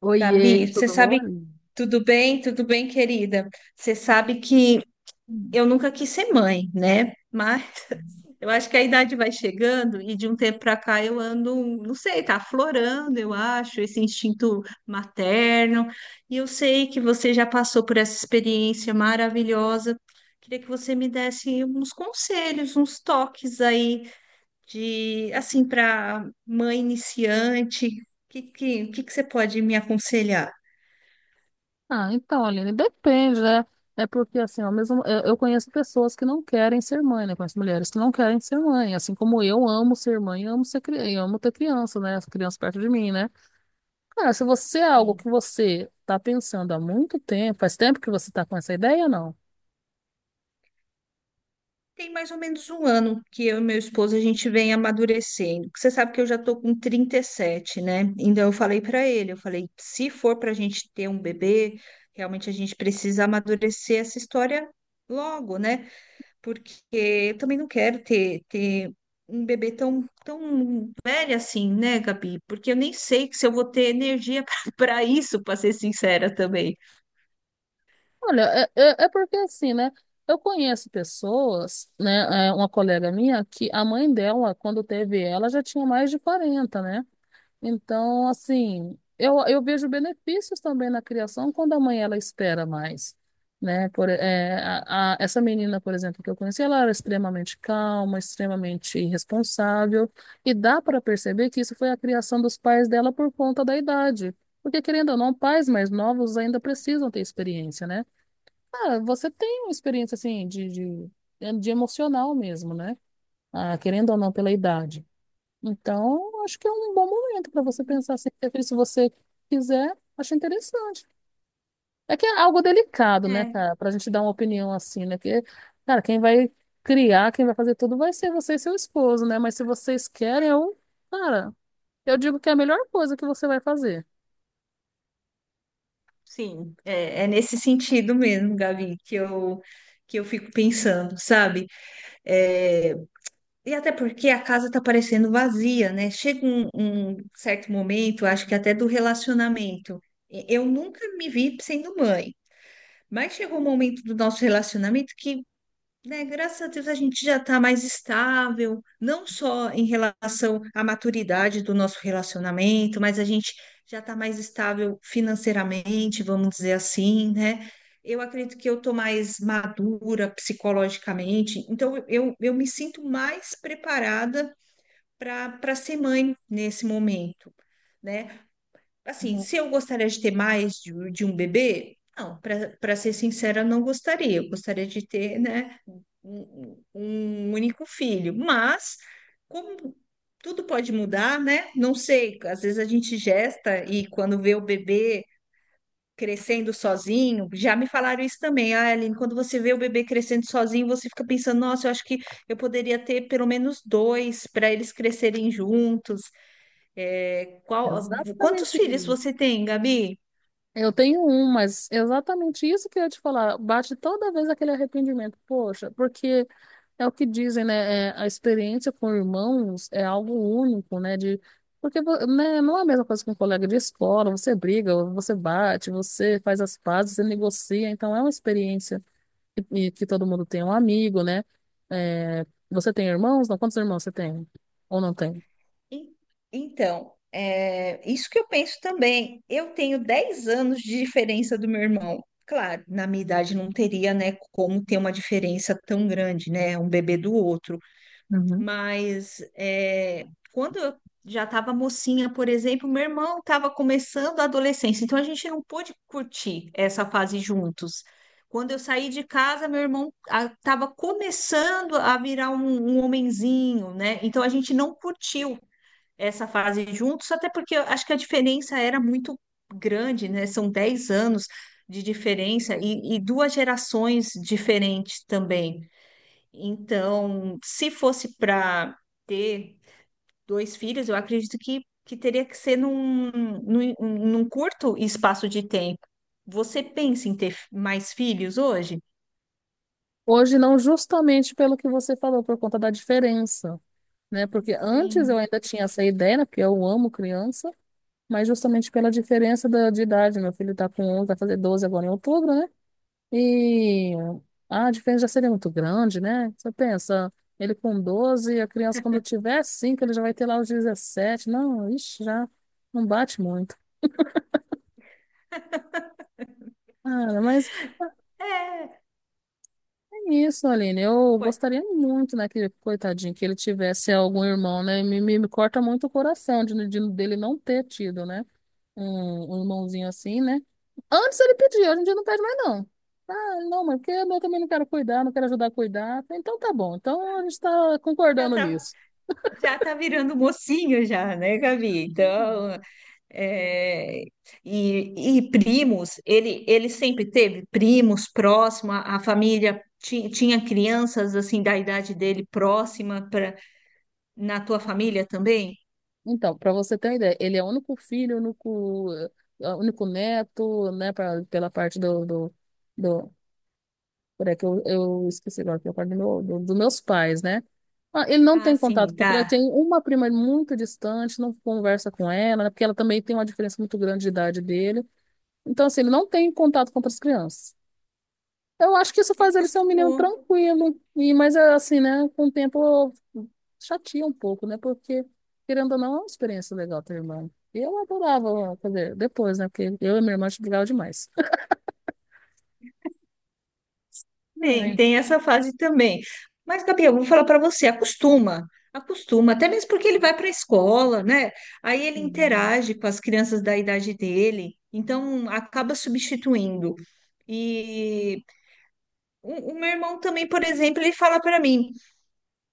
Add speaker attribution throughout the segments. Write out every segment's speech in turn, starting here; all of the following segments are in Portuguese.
Speaker 1: Oiê,
Speaker 2: Gabi, você
Speaker 1: tudo bom?
Speaker 2: sabe, tudo bem? Tudo bem, querida? Você sabe que
Speaker 1: Hum.
Speaker 2: eu nunca quis ser mãe, né? Mas eu acho que a idade vai chegando e de um tempo para cá eu ando, não sei, tá aflorando, eu acho, esse instinto materno. E eu sei que você já passou por essa experiência maravilhosa. Queria que você me desse uns conselhos, uns toques aí de, assim, para mãe iniciante. O que que você pode me aconselhar?
Speaker 1: Ah, então, Aline, depende, né? É porque, assim, ao mesmo, eu conheço pessoas que não querem ser mãe, né? Conheço mulheres que não querem ser mãe. Assim como eu amo ser mãe, eu amo ter criança, né? Essa criança perto de mim, né? Cara, se você é algo que você tá pensando há muito tempo, faz tempo que você tá com essa ideia, não?
Speaker 2: Tem mais ou menos um ano que eu e meu esposo a gente vem amadurecendo. Você sabe que eu já tô com 37, né? Então eu falei para ele, eu falei, se for para a gente ter um bebê, realmente a gente precisa amadurecer essa história logo, né? Porque eu também não quero ter um bebê tão, tão velho assim, né, Gabi? Porque eu nem sei se eu vou ter energia para isso, para ser sincera também.
Speaker 1: Olha, é porque, assim, né? Eu conheço pessoas, né? Uma colega minha, que a mãe dela, quando teve ela, já tinha mais de 40, né? Então, assim, eu vejo benefícios também na criação quando a mãe ela espera mais, né? Por, é, a- essa menina, por exemplo, que eu conheci, ela era extremamente calma, extremamente responsável, e dá para perceber que isso foi a criação dos pais dela por conta da idade. Porque, querendo ou não, pais mais novos ainda precisam ter experiência, né? Ah, você tem uma experiência, assim, de emocional mesmo, né? Ah, querendo ou não, pela idade. Então, acho que é um bom momento para você pensar assim, prefiro, se você quiser, acho interessante. É que é algo delicado, né, cara, para a gente dar uma opinião assim, né? Que, cara, quem vai criar, quem vai fazer tudo vai ser você e seu esposo, né? Mas se vocês querem, eu, cara, eu digo que é a melhor coisa que você vai fazer.
Speaker 2: Sim, é nesse sentido mesmo, Gabi, que eu fico pensando, sabe? É, e até porque a casa tá parecendo vazia, né? Chega um certo momento, acho que até do relacionamento. Eu nunca me vi sendo mãe, mas chegou um momento do nosso relacionamento que né, graças a Deus a gente já está mais estável, não só em relação à maturidade do nosso relacionamento, mas a gente já está mais estável financeiramente, vamos dizer assim, né? Eu acredito que eu estou mais madura psicologicamente, então eu me sinto mais preparada para ser mãe nesse momento, né? Assim,
Speaker 1: Uhum.
Speaker 2: se eu gostaria de ter mais de um bebê, não, para ser sincera, não gostaria. Eu gostaria de ter, né, um único filho. Mas, como tudo pode mudar, né? Não sei, às vezes a gente gesta e quando vê o bebê crescendo sozinho, já me falaram isso também. Ah, Aline, quando você vê o bebê crescendo sozinho, você fica pensando, nossa, eu acho que eu poderia ter pelo menos dois para eles crescerem juntos. É, quantos
Speaker 1: Exatamente
Speaker 2: filhos
Speaker 1: isso.
Speaker 2: você tem, Gabi?
Speaker 1: Eu tenho um, mas é exatamente isso que eu ia te falar. Bate toda vez aquele arrependimento. Poxa, porque é o que dizem, né? A experiência com irmãos é algo único, né? Não é a mesma coisa que um colega de escola. Você briga, você bate, você faz as pazes, você negocia. Então, é uma experiência que todo mundo tem. Um amigo, né? É, você tem irmãos? Não, quantos irmãos você tem? Ou não tem?
Speaker 2: En- Então, é, isso que eu penso também. Eu tenho 10 anos de diferença do meu irmão. Claro, na minha idade não teria, né, como ter uma diferença tão grande, né, um bebê do outro. Mas é, quando eu já estava mocinha, por exemplo, meu irmão estava começando a adolescência, então a gente não pôde curtir essa fase juntos. Quando eu saí de casa, meu irmão estava começando a virar um homenzinho, né? Então a gente não curtiu essa fase juntos, até porque eu acho que a diferença era muito grande, né? São 10 anos de diferença e duas gerações diferentes também. Então, se fosse para ter dois filhos, eu acredito que teria que ser num curto espaço de tempo. Você pensa em ter mais filhos hoje?
Speaker 1: Hoje não, justamente pelo que você falou, por conta da diferença, né? Porque antes eu
Speaker 2: Sim.
Speaker 1: ainda tinha essa ideia, né? Porque eu amo criança, mas justamente pela diferença de idade. Meu filho tá com 11, vai fazer 12 agora em outubro, né? E a diferença já seria muito grande, né? Você pensa, ele com 12 a criança quando tiver 5 ele já vai ter lá os 17. Não, ixi, já não bate muito. Cara, mas
Speaker 2: É,
Speaker 1: isso, Aline, eu
Speaker 2: pô,
Speaker 1: gostaria muito, né, que, coitadinho, que ele tivesse algum irmão, né, me corta muito o coração dele não ter tido, né, um irmãozinho assim, né, antes ele pedia, hoje em dia não pede mais não, ah, não, mas porque eu também não quero cuidar, não quero ajudar a cuidar, então tá bom, então a gente tá
Speaker 2: já
Speaker 1: concordando
Speaker 2: tá,
Speaker 1: nisso.
Speaker 2: já tá virando mocinho já, né, Gabi? Então, é, e primos, ele sempre teve primos próximo, a família tinha crianças assim da idade dele próxima. Na tua família também?
Speaker 1: Então, para você ter uma ideia, ele é o único filho, o único, o único neto, né, pela parte do, do, do- Por é que eu esqueci agora que eu falo dos meus pais, né? Ah, ele não
Speaker 2: Ah,
Speaker 1: tem contato
Speaker 2: sim,
Speaker 1: com ele,
Speaker 2: tá.
Speaker 1: tem uma prima muito distante, não conversa com ela, né? Porque ela também tem uma diferença muito grande de idade dele. Então, assim, ele não tem contato com outras crianças. Eu acho que isso
Speaker 2: É,
Speaker 1: faz ele ser um menino
Speaker 2: acostumou.
Speaker 1: tranquilo, mas é assim, né? Com o tempo chateia um pouco, né? Porque, querendo ou não, é uma experiência legal ter irmã. E eu adorava fazer depois, né? Porque eu e minha irmã a gente brigava demais.
Speaker 2: Tem essa fase também. Mas, Gabi, eu vou falar para você, acostuma, acostuma, até mesmo porque ele vai para a escola, né? Aí ele
Speaker 1: Ai.
Speaker 2: interage com as crianças da idade dele, então acaba substituindo. E o meu irmão também, por exemplo, ele fala para mim,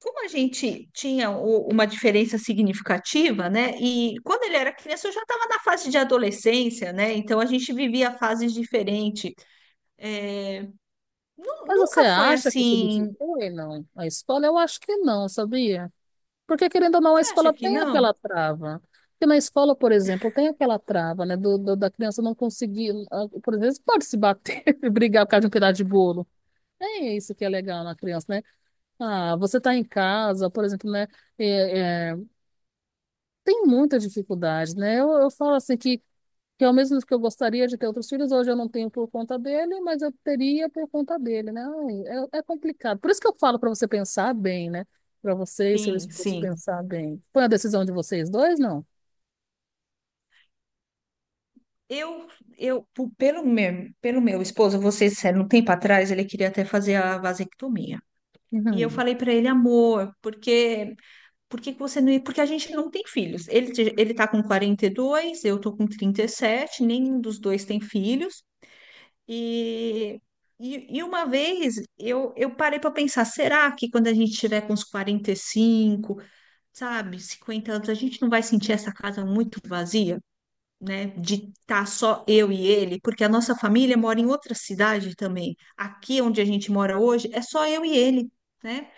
Speaker 2: como a gente tinha uma diferença significativa, né? E quando ele era criança, eu já estava na fase de adolescência, né? Então a gente vivia fases diferentes. Nu-
Speaker 1: Mas você
Speaker 2: Nunca foi
Speaker 1: acha que
Speaker 2: assim.
Speaker 1: substitui, não? A escola, eu acho que não, sabia? Porque, querendo ou não, a
Speaker 2: Você acha
Speaker 1: escola
Speaker 2: que
Speaker 1: tem
Speaker 2: não?
Speaker 1: aquela trava. Porque na escola, por exemplo, tem aquela trava, né? Da criança não conseguir, por exemplo, pode se bater e brigar por causa de um pedaço de bolo. É isso que é legal na criança, né? Ah, você tá em casa, por exemplo, né? É, é, tem muita dificuldade, né? Eu falo assim que ao mesmo que eu gostaria de ter outros filhos, hoje eu não tenho por conta dele, mas eu teria por conta dele, né? Ai, é complicado. Por isso que eu falo para você pensar bem, né? Para você e seu
Speaker 2: Sim,
Speaker 1: esposo
Speaker 2: sim.
Speaker 1: pensar bem. Foi a decisão de vocês dois, não?
Speaker 2: Eu, eu, pelo meu esposo, você sério, um tempo atrás, ele queria até fazer a vasectomia. E eu
Speaker 1: Uhum.
Speaker 2: falei para ele, amor, por que que você não ia? Porque a gente não tem filhos. Ele tá com 42, eu tô com 37. Nenhum dos dois tem filhos. E, e uma vez eu parei para pensar, será que quando a gente tiver com uns 45 sabe, 50 anos, a gente não vai sentir essa casa muito vazia, né? De estar só eu e ele, porque a nossa família mora em outra cidade também. Aqui onde a gente mora hoje é só eu e ele, né?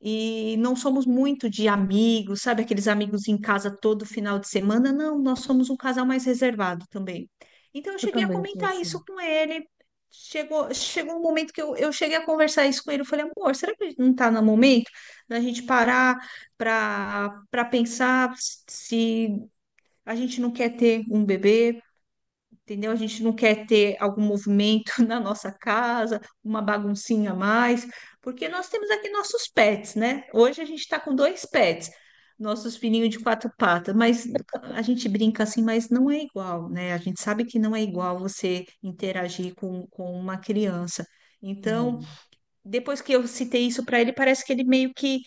Speaker 2: E não somos muito de amigos, sabe? Aqueles amigos em casa todo final de semana. Não, nós somos um casal mais reservado também. Então eu
Speaker 1: Eu
Speaker 2: cheguei a
Speaker 1: também sou
Speaker 2: comentar isso
Speaker 1: assim.
Speaker 2: com ele. Chegou um momento que eu cheguei a conversar isso com ele. Eu falei, amor, será que não está no momento da gente parar para pensar se a gente não quer ter um bebê? Entendeu? A gente não quer ter algum movimento na nossa casa, uma baguncinha a mais, porque nós temos aqui nossos pets, né? Hoje a gente está com dois pets, nossos filhinhos de quatro patas, mas a gente brinca assim, mas não é igual, né? A gente sabe que não é igual você interagir com uma criança. Então,
Speaker 1: É.
Speaker 2: depois que eu citei isso para ele, parece que ele meio que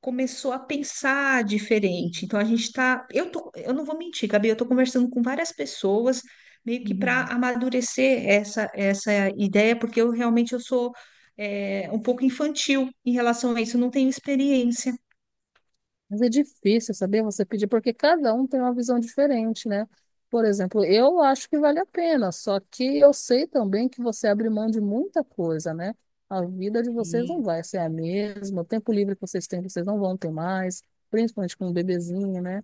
Speaker 2: começou a pensar diferente. Então a gente tá, eu tô, eu não vou mentir, Gabi, eu tô conversando com várias pessoas meio que para
Speaker 1: Uhum.
Speaker 2: amadurecer essa ideia, porque eu realmente eu sou um pouco infantil em relação a isso, eu não tenho experiência.
Speaker 1: Mas é difícil, saber você pedir, porque cada um tem uma visão diferente, né? Por exemplo, eu acho que vale a pena, só que eu sei também que você abre mão de muita coisa, né? A vida de vocês não
Speaker 2: Sim,
Speaker 1: vai ser a mesma, o tempo livre que vocês têm, vocês não vão ter mais, principalmente com um bebezinho, né?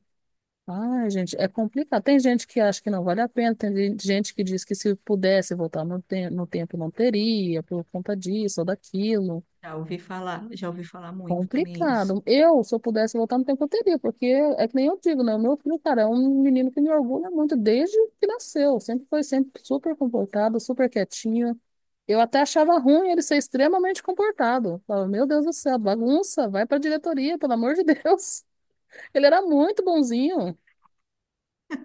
Speaker 1: Ai, gente, é complicado. Tem gente que acha que não vale a pena, tem gente que diz que se pudesse voltar no tempo não teria, por conta disso ou daquilo.
Speaker 2: já ouvi falar muito também isso.
Speaker 1: Complicado. Eu, se eu pudesse voltar no tempo, eu teria, porque é que nem eu digo, né? O meu filho, cara, é um menino que me orgulha muito desde que nasceu. Sempre foi sempre super comportado, super quietinho. Eu até achava ruim ele ser extremamente comportado. Falava, meu Deus do céu, bagunça, vai pra diretoria, pelo amor de Deus. Ele era muito bonzinho.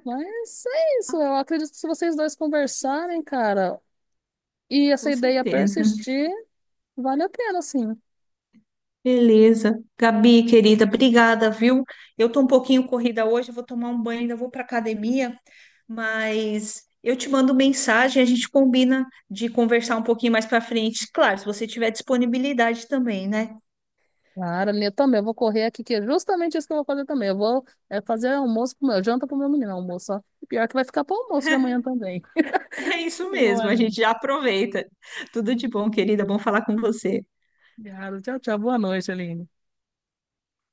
Speaker 1: Mas é isso, eu acredito que se vocês dois conversarem, cara, e essa
Speaker 2: Com
Speaker 1: ideia
Speaker 2: certeza.
Speaker 1: persistir, vale a pena, sim.
Speaker 2: Beleza. Gabi, querida, obrigada, viu? Eu tô um pouquinho corrida hoje, eu vou tomar um banho, ainda vou para academia, mas eu te mando mensagem, a gente combina de conversar um pouquinho mais para frente. Claro, se você tiver disponibilidade também, né?
Speaker 1: Claro, eu também. Eu vou correr aqui, que é justamente isso que eu vou fazer também. Eu vou fazer almoço janta pro meu menino, almoço, ó. E pior que vai ficar pro almoço de amanhã também.
Speaker 2: É isso
Speaker 1: Boa,
Speaker 2: mesmo, a gente
Speaker 1: Aline.
Speaker 2: já aproveita. Tudo de bom, querida, bom falar com você.
Speaker 1: Obrigada. Tchau, tchau. Boa noite, Aline.